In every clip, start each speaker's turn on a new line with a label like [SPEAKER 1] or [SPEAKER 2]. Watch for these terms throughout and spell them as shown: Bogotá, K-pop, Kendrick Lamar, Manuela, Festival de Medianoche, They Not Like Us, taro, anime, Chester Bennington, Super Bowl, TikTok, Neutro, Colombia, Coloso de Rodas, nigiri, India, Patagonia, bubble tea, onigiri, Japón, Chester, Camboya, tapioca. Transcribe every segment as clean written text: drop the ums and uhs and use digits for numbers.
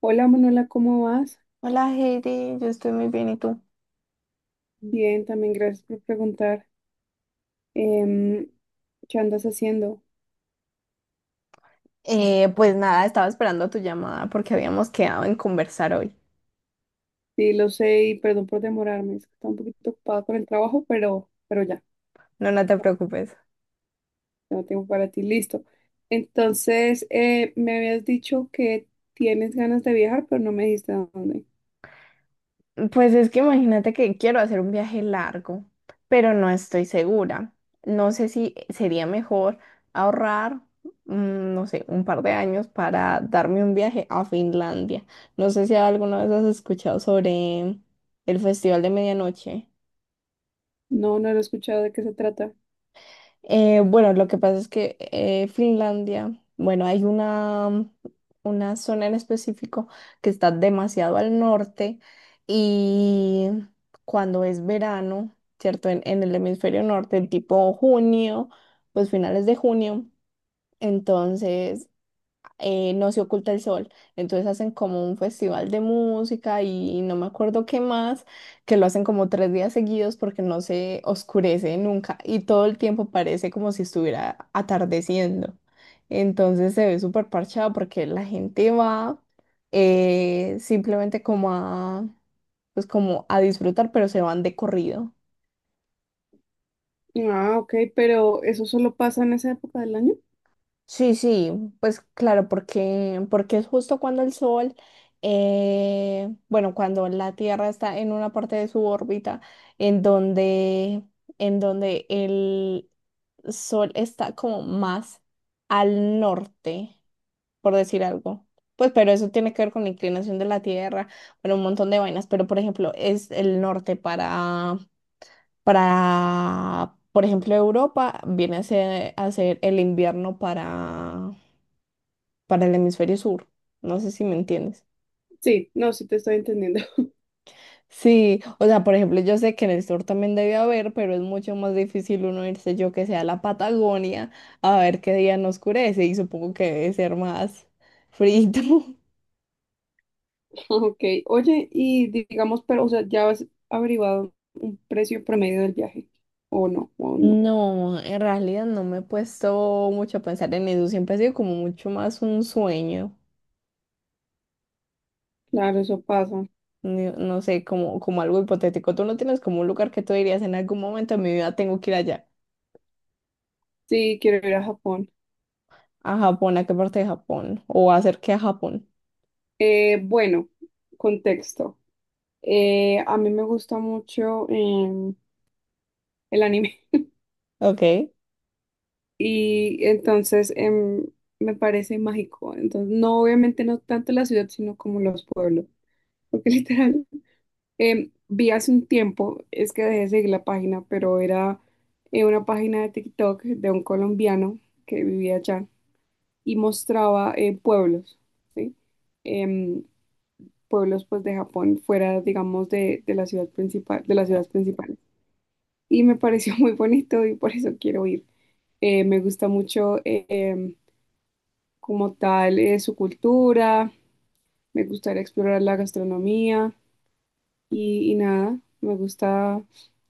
[SPEAKER 1] Hola Manuela, ¿cómo vas?
[SPEAKER 2] Hola Heidi, yo estoy muy bien, ¿y tú?
[SPEAKER 1] Bien, también gracias por preguntar. Em, ¿Qué andas haciendo?
[SPEAKER 2] Pues nada, estaba esperando tu llamada porque habíamos quedado en conversar hoy.
[SPEAKER 1] Sí, lo sé y perdón por demorarme, es que estaba un poquito ocupada con el trabajo, pero ya.
[SPEAKER 2] No te preocupes.
[SPEAKER 1] Ya no tengo para ti, listo. Entonces, me habías dicho que tienes ganas de viajar, pero no me dijiste a dónde.
[SPEAKER 2] Pues es que imagínate que quiero hacer un viaje largo, pero no estoy segura. No sé si sería mejor ahorrar, no sé, un par de años para darme un viaje a Finlandia. No sé si alguna vez has escuchado sobre el Festival de Medianoche.
[SPEAKER 1] No, no lo he escuchado de qué se trata.
[SPEAKER 2] Bueno, lo que pasa es que Finlandia, bueno, hay una zona en específico que está demasiado al norte y cuando es verano, ¿cierto? En el hemisferio norte, tipo junio, pues finales de junio, entonces no se oculta el sol. Entonces hacen como un festival de música y no me acuerdo qué más, que lo hacen como tres días seguidos porque no se oscurece nunca y todo el tiempo parece como si estuviera atardeciendo. Entonces se ve súper parchado porque la gente va simplemente como a, pues como a disfrutar, pero se van de corrido.
[SPEAKER 1] Ah, ok, pero ¿eso solo pasa en esa época del año?
[SPEAKER 2] Sí, sí, pues claro, porque es justo cuando el Sol, bueno, cuando la Tierra está en una parte de su órbita en donde, en donde el Sol está como más al norte, por decir algo. Pues, pero eso tiene que ver con la inclinación de la Tierra, bueno, un montón de vainas, pero por ejemplo, es el norte para, por ejemplo, Europa, viene a ser el invierno para el hemisferio sur. No sé si me entiendes.
[SPEAKER 1] Sí, no, sí te estoy entendiendo.
[SPEAKER 2] Sí, o sea, por ejemplo, yo sé que en el sur también debe haber, pero es mucho más difícil uno irse yo que sea a la Patagonia a ver qué día no oscurece y supongo que debe ser más frío.
[SPEAKER 1] Ok, oye, y digamos, pero, o sea, ¿ya has averiguado un precio promedio del viaje? ¿O no? ¿O no?
[SPEAKER 2] No, en realidad no me he puesto mucho a pensar en eso, siempre ha sido como mucho más un sueño,
[SPEAKER 1] Claro, eso pasa.
[SPEAKER 2] no sé, como, como algo hipotético. Tú no tienes como un lugar que tú dirías en algún momento de mi vida tengo que ir allá,
[SPEAKER 1] Sí, quiero ir a Japón.
[SPEAKER 2] a Japón, ¿a qué parte de Japón? O hacer qué a Japón.
[SPEAKER 1] Bueno, contexto. A mí me gusta mucho el anime
[SPEAKER 2] Ok.
[SPEAKER 1] y entonces me parece mágico. Entonces, no, obviamente no tanto la ciudad, sino como los pueblos. Porque literal, vi hace un tiempo, es que dejé de seguir la página, pero era una página de TikTok de un colombiano que vivía allá y mostraba pueblos, ¿sí? Em, pueblos pues de Japón, fuera, digamos, de la ciudad principal, de las ciudades principales. Y me pareció muy bonito y por eso quiero ir. Me gusta mucho como tal su cultura, me gustaría explorar la gastronomía y nada, me gusta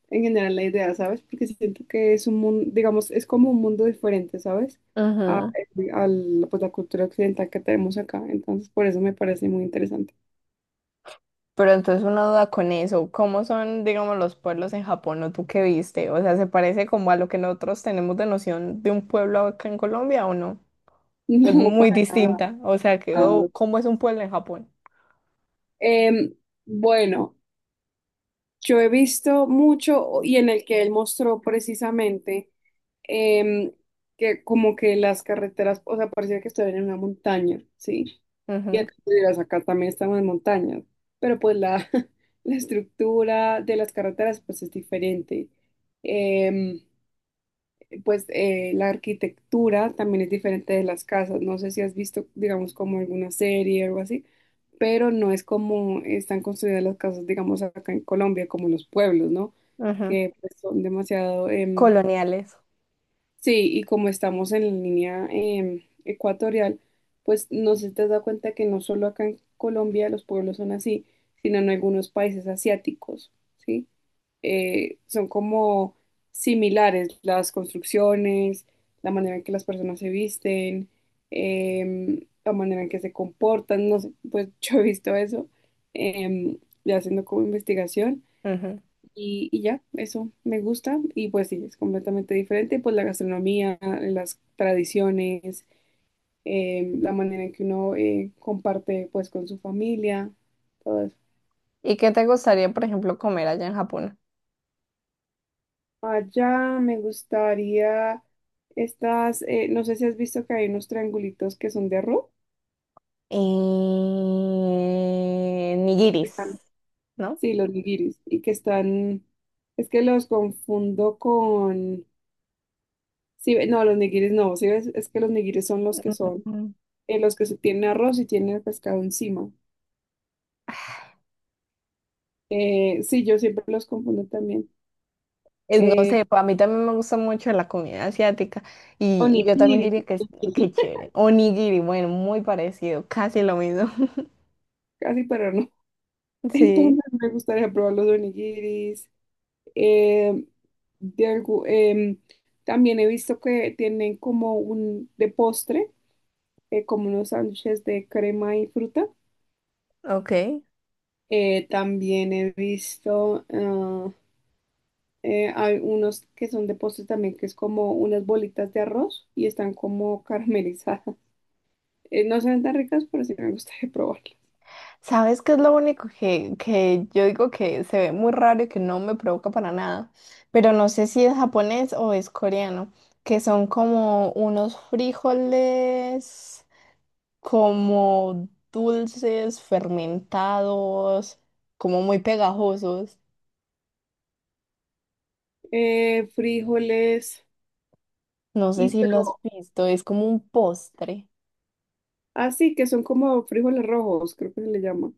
[SPEAKER 1] en general la idea, ¿sabes? Porque siento que es un mundo, digamos, es como un mundo diferente, ¿sabes? A,
[SPEAKER 2] Ujú.
[SPEAKER 1] a la, pues, la cultura occidental que tenemos acá. Entonces, por eso me parece muy interesante.
[SPEAKER 2] Pero entonces una duda con eso, ¿cómo son, digamos, los pueblos en Japón o tú qué viste? O sea, ¿se parece como a lo que nosotros tenemos de noción de un pueblo acá en Colombia o no? Es
[SPEAKER 1] No,
[SPEAKER 2] muy
[SPEAKER 1] para nada.
[SPEAKER 2] distinta, o sea, que,
[SPEAKER 1] Ah,
[SPEAKER 2] o,
[SPEAKER 1] ok.
[SPEAKER 2] ¿cómo es un pueblo en Japón?
[SPEAKER 1] Em, bueno, yo he visto mucho y en el que él mostró precisamente em, que como que las carreteras, o sea, parecía que estaban en una montaña, ¿sí? Y
[SPEAKER 2] Ujú,
[SPEAKER 1] acá, tú dirás, acá también estamos en montañas, pero pues la, la estructura de las carreteras pues es diferente. Em, pues la arquitectura también es diferente de las casas. No sé si has visto, digamos, como alguna serie o algo así, pero no es como están construidas las casas, digamos, acá en Colombia, como los pueblos, ¿no?
[SPEAKER 2] ujú.
[SPEAKER 1] Que pues, son demasiado,
[SPEAKER 2] Coloniales.
[SPEAKER 1] sí, y como estamos en la línea ecuatorial, pues no sé si te has dado cuenta que no solo acá en Colombia los pueblos son así, sino en algunos países asiáticos, ¿sí? Son como similares las construcciones, la manera en que las personas se visten, la manera en que se comportan, no sé, pues yo he visto eso, em, ya haciendo como investigación,
[SPEAKER 2] Ujú.
[SPEAKER 1] y ya, eso me gusta y pues sí, es completamente diferente, pues la gastronomía, las tradiciones, la manera en que uno comparte pues con su familia, todo eso.
[SPEAKER 2] ¿Y qué te gustaría, por ejemplo, comer allá en Japón?
[SPEAKER 1] Allá me gustaría no sé si has visto que hay unos triangulitos que son de arroz. Están,
[SPEAKER 2] Nigiris, ¿no?
[SPEAKER 1] sí, los nigiris. Y que están, es que los confundo con, sí, no, los nigiris no, sí, ves, es que los nigiris son, los que se tienen arroz y tienen el pescado encima. Sí, yo siempre los confundo también.
[SPEAKER 2] No
[SPEAKER 1] Eh,
[SPEAKER 2] sé, a mí también me gusta mucho la comida asiática y yo también
[SPEAKER 1] onigiri,
[SPEAKER 2] diría que,
[SPEAKER 1] onigiri,
[SPEAKER 2] que chévere. Onigiri, bueno, muy parecido, casi lo mismo.
[SPEAKER 1] casi, pero no.
[SPEAKER 2] Sí,
[SPEAKER 1] Entonces me gustaría probar los onigiris. Eh, de algu- em, también he visto que tienen como un de postre, como unos sándwiches de crema y fruta.
[SPEAKER 2] ok.
[SPEAKER 1] También he visto, hay unos que son de postre también, que es como unas bolitas de arroz y están como caramelizadas. No se ven tan ricas, pero sí me gustaría probarlas.
[SPEAKER 2] ¿Sabes qué es lo único que yo digo que se ve muy raro y que no me provoca para nada? Pero no sé si es japonés o es coreano, que son como unos frijoles como dulces, fermentados, como muy pegajosos.
[SPEAKER 1] Frijoles,
[SPEAKER 2] No sé
[SPEAKER 1] y
[SPEAKER 2] si lo has
[SPEAKER 1] pero,
[SPEAKER 2] visto, es como un postre.
[SPEAKER 1] así que son como frijoles rojos, creo que se le llama.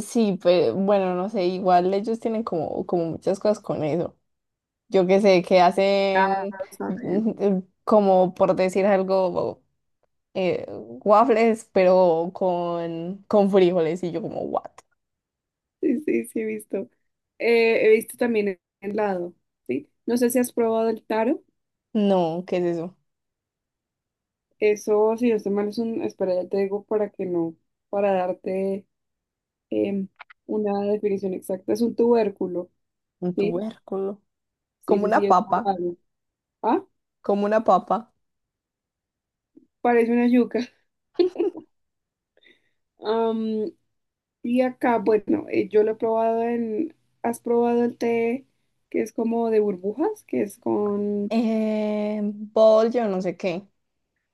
[SPEAKER 2] Sí, pero bueno, no sé, igual ellos tienen como, como muchas cosas con eso. Yo qué sé, que
[SPEAKER 1] Ah,
[SPEAKER 2] hacen
[SPEAKER 1] saben.
[SPEAKER 2] mm, como por decir algo, waffles, pero con frijoles y yo como, what?
[SPEAKER 1] Sí, sí, sí, he visto. He visto también el lado, ¿sí? No sé si has probado el taro.
[SPEAKER 2] No, ¿qué es eso?
[SPEAKER 1] Eso, si no estoy mal, es un... Espera, ya te digo para que no, para darte em, una definición exacta. Es un tubérculo,
[SPEAKER 2] Un
[SPEAKER 1] ¿sí?
[SPEAKER 2] tubérculo.
[SPEAKER 1] Sí,
[SPEAKER 2] Como
[SPEAKER 1] sí,
[SPEAKER 2] una
[SPEAKER 1] sí, es
[SPEAKER 2] papa,
[SPEAKER 1] algo. Ah,
[SPEAKER 2] como una papa.
[SPEAKER 1] parece una yuca. Am, y acá, bueno, yo lo he probado en... ¿Has probado el té que es como de burbujas? Que es con...
[SPEAKER 2] Bol, yo no sé qué.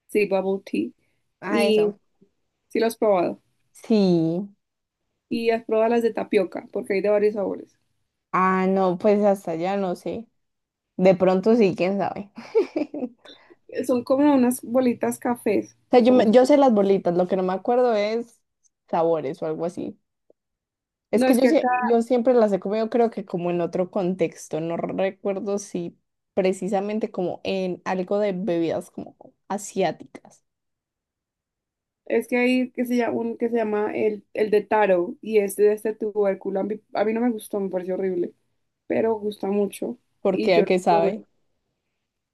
[SPEAKER 1] Sí, bubble tea.
[SPEAKER 2] Ah,
[SPEAKER 1] Y
[SPEAKER 2] eso.
[SPEAKER 1] sí lo has probado.
[SPEAKER 2] Sí.
[SPEAKER 1] Y has probado las de tapioca, porque hay de varios sabores.
[SPEAKER 2] Ah, no, pues hasta allá no sé. De pronto sí, quién sabe.
[SPEAKER 1] Son como unas bolitas cafés.
[SPEAKER 2] O sea, yo,
[SPEAKER 1] Como-
[SPEAKER 2] yo sé las bolitas, lo que no me acuerdo es sabores o algo así. Es
[SPEAKER 1] no,
[SPEAKER 2] que
[SPEAKER 1] es
[SPEAKER 2] yo,
[SPEAKER 1] que acá,
[SPEAKER 2] yo siempre las he comido, creo que como en otro contexto. No recuerdo si precisamente como en algo de bebidas como asiáticas.
[SPEAKER 1] es que hay que se llama, un que se llama el de taro y este de este tubérculo. A mí no me gustó, me pareció horrible, pero gusta mucho. Y
[SPEAKER 2] Porque a
[SPEAKER 1] yo lo
[SPEAKER 2] qué
[SPEAKER 1] probé.
[SPEAKER 2] sabe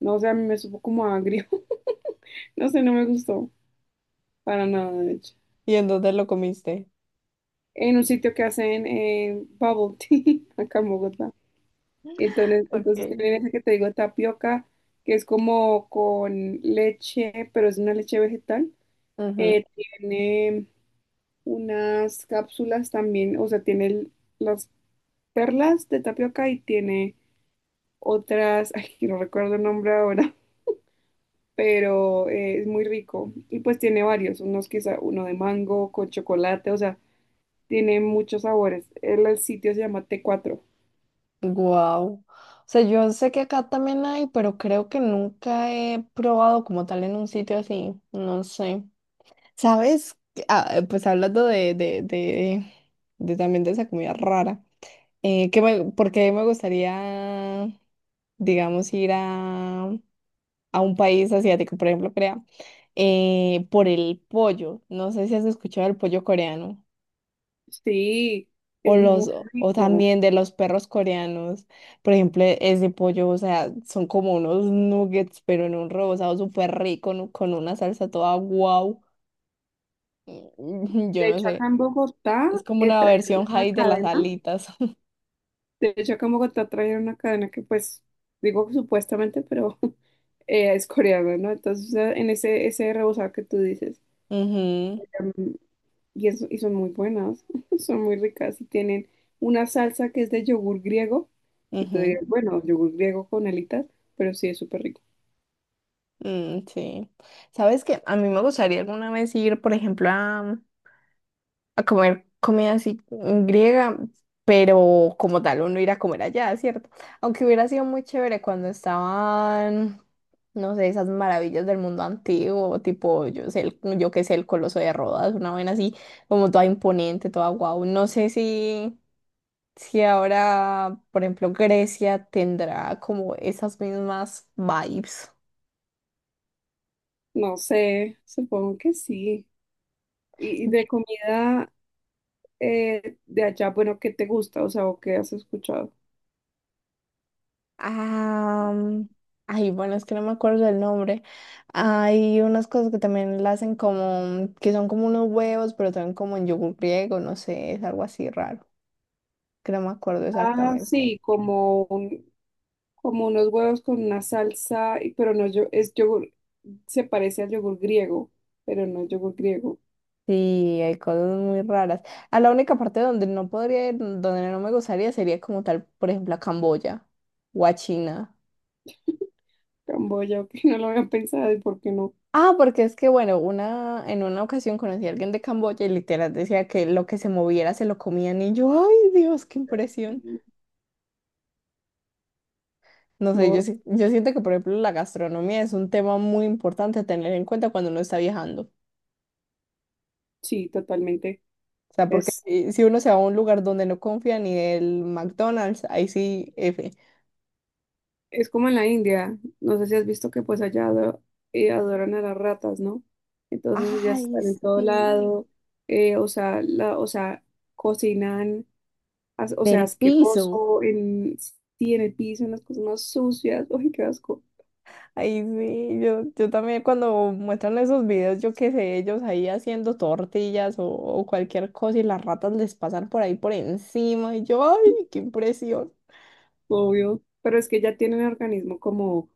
[SPEAKER 1] No sé, a mí me supo como agrio. No sé, no me gustó para nada, de hecho.
[SPEAKER 2] y en dónde lo comiste.
[SPEAKER 1] En un sitio que hacen bubble tea acá en Bogotá. Entonces
[SPEAKER 2] Okay.
[SPEAKER 1] tienen esa que te digo, tapioca, que es como con leche, pero es una leche vegetal. Tiene unas cápsulas también, o sea, tiene las perlas de tapioca y tiene otras, ay, que no recuerdo el nombre ahora, pero es muy rico. Y pues tiene varios, unos quizá uno de mango con chocolate, o sea, tiene muchos sabores. El sitio se llama t cuatro.
[SPEAKER 2] Wow. O sea, yo sé que acá también hay, pero creo que nunca he probado como tal en un sitio así. No sé. ¿Sabes? Ah, pues hablando de también de esa comida rara, que me, porque me gustaría, digamos, ir a un país asiático, por ejemplo, Corea, por el pollo. No sé si has escuchado el pollo coreano
[SPEAKER 1] Sí,
[SPEAKER 2] o
[SPEAKER 1] es muy
[SPEAKER 2] los o
[SPEAKER 1] rico.
[SPEAKER 2] también de los perros coreanos. Por ejemplo, ese pollo, o sea, son como unos nuggets, pero en un rebozado súper rico, ¿no? Con una salsa toda guau. Yo
[SPEAKER 1] De
[SPEAKER 2] no
[SPEAKER 1] hecho, acá
[SPEAKER 2] sé.
[SPEAKER 1] en Bogotá
[SPEAKER 2] Es como una
[SPEAKER 1] trajeron
[SPEAKER 2] versión
[SPEAKER 1] una
[SPEAKER 2] high de las
[SPEAKER 1] cadena.
[SPEAKER 2] alitas.
[SPEAKER 1] De hecho, acá en Bogotá trajeron una cadena que, pues, digo que supuestamente, pero es coreana, ¿no? Entonces, en ese rebozado que tú dices.
[SPEAKER 2] Ujú,
[SPEAKER 1] em, y son muy buenas, son muy ricas. Y tienen una salsa que es de yogur griego. Y que tú
[SPEAKER 2] ujú,
[SPEAKER 1] digas, bueno, yogur griego con alitas, pero sí es súper rico.
[SPEAKER 2] mm, sí. ¿Sabes qué? A mí me gustaría alguna vez ir, por ejemplo, a comer comida así griega, pero como tal, uno ir a comer allá, ¿cierto? Aunque hubiera sido muy chévere cuando estaban, no sé, esas maravillas del mundo antiguo, tipo, yo sé, yo qué sé, el Coloso de Rodas, una vaina así, como toda imponente, toda guau. No sé si... si ahora, por ejemplo, Grecia tendrá como esas mismas vibes.
[SPEAKER 1] No sé, supongo que sí. Y de comida de allá, bueno, ¿qué te gusta? O sea, ¿o qué has escuchado?
[SPEAKER 2] Ah, mm, ay, bueno, es que no me acuerdo del nombre. Hay unas cosas que también la hacen como, que son como unos huevos, pero también como en yogur griego, no sé, es algo así raro, que no me acuerdo
[SPEAKER 1] Ah,
[SPEAKER 2] exactamente.
[SPEAKER 1] sí, como como unos huevos con una salsa, pero no yo, es yogur, se parece al yogur griego, pero no es yogur griego.
[SPEAKER 2] Sí, hay cosas muy raras. A la única parte donde no podría ir, donde no me gustaría, sería como tal, por ejemplo, a Camboya o a China.
[SPEAKER 1] Camboya, que no lo había pensado y por qué no.
[SPEAKER 2] Ah, porque es que, bueno, una, en una ocasión conocí a alguien de Camboya y literal decía que lo que se moviera se lo comían y yo, ay Dios, qué impresión. No sé,
[SPEAKER 1] No,
[SPEAKER 2] yo, yo siento que, por ejemplo, la gastronomía es un tema muy importante a tener en cuenta cuando uno está viajando.
[SPEAKER 1] sí, totalmente.
[SPEAKER 2] O sea, porque
[SPEAKER 1] Es
[SPEAKER 2] si uno se va a un lugar donde no confía ni del McDonald's, ahí sí, F.
[SPEAKER 1] Es como en la India, no sé si has visto que pues allá adoran a las ratas, ¿no? Entonces ellas
[SPEAKER 2] Ay,
[SPEAKER 1] están en todo
[SPEAKER 2] sí,
[SPEAKER 1] lado, o sea, o sea, cocinan, o sea,
[SPEAKER 2] del piso.
[SPEAKER 1] asqueroso, en, sí, en el piso, en las cosas más sucias, uy, qué asco,
[SPEAKER 2] Ay, sí, yo también cuando muestran esos videos, yo qué sé, ellos ahí haciendo tortillas o cualquier cosa y las ratas les pasan por ahí por encima y yo, ay, qué impresión.
[SPEAKER 1] obvio, pero es que ya tienen el organismo como,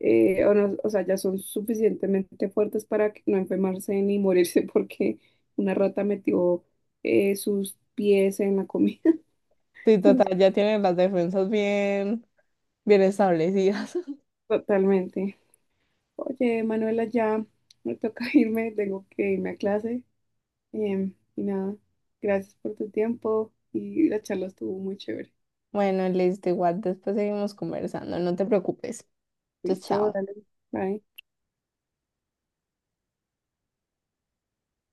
[SPEAKER 1] o, no- o sea, ya son suficientemente fuertes para que no enfermarse ni morirse porque una rata metió sus pies en la comida,
[SPEAKER 2] Sí, total, ya tienen las defensas bien, bien establecidas.
[SPEAKER 1] totalmente. Oye, Manuela, ya me toca irme, tengo que irme a clase. Y nada, gracias por tu tiempo y la charla estuvo muy chévere.
[SPEAKER 2] Bueno, listo, igual después seguimos conversando, no te preocupes. Entonces,
[SPEAKER 1] Listo,
[SPEAKER 2] chao.
[SPEAKER 1] dale, bye.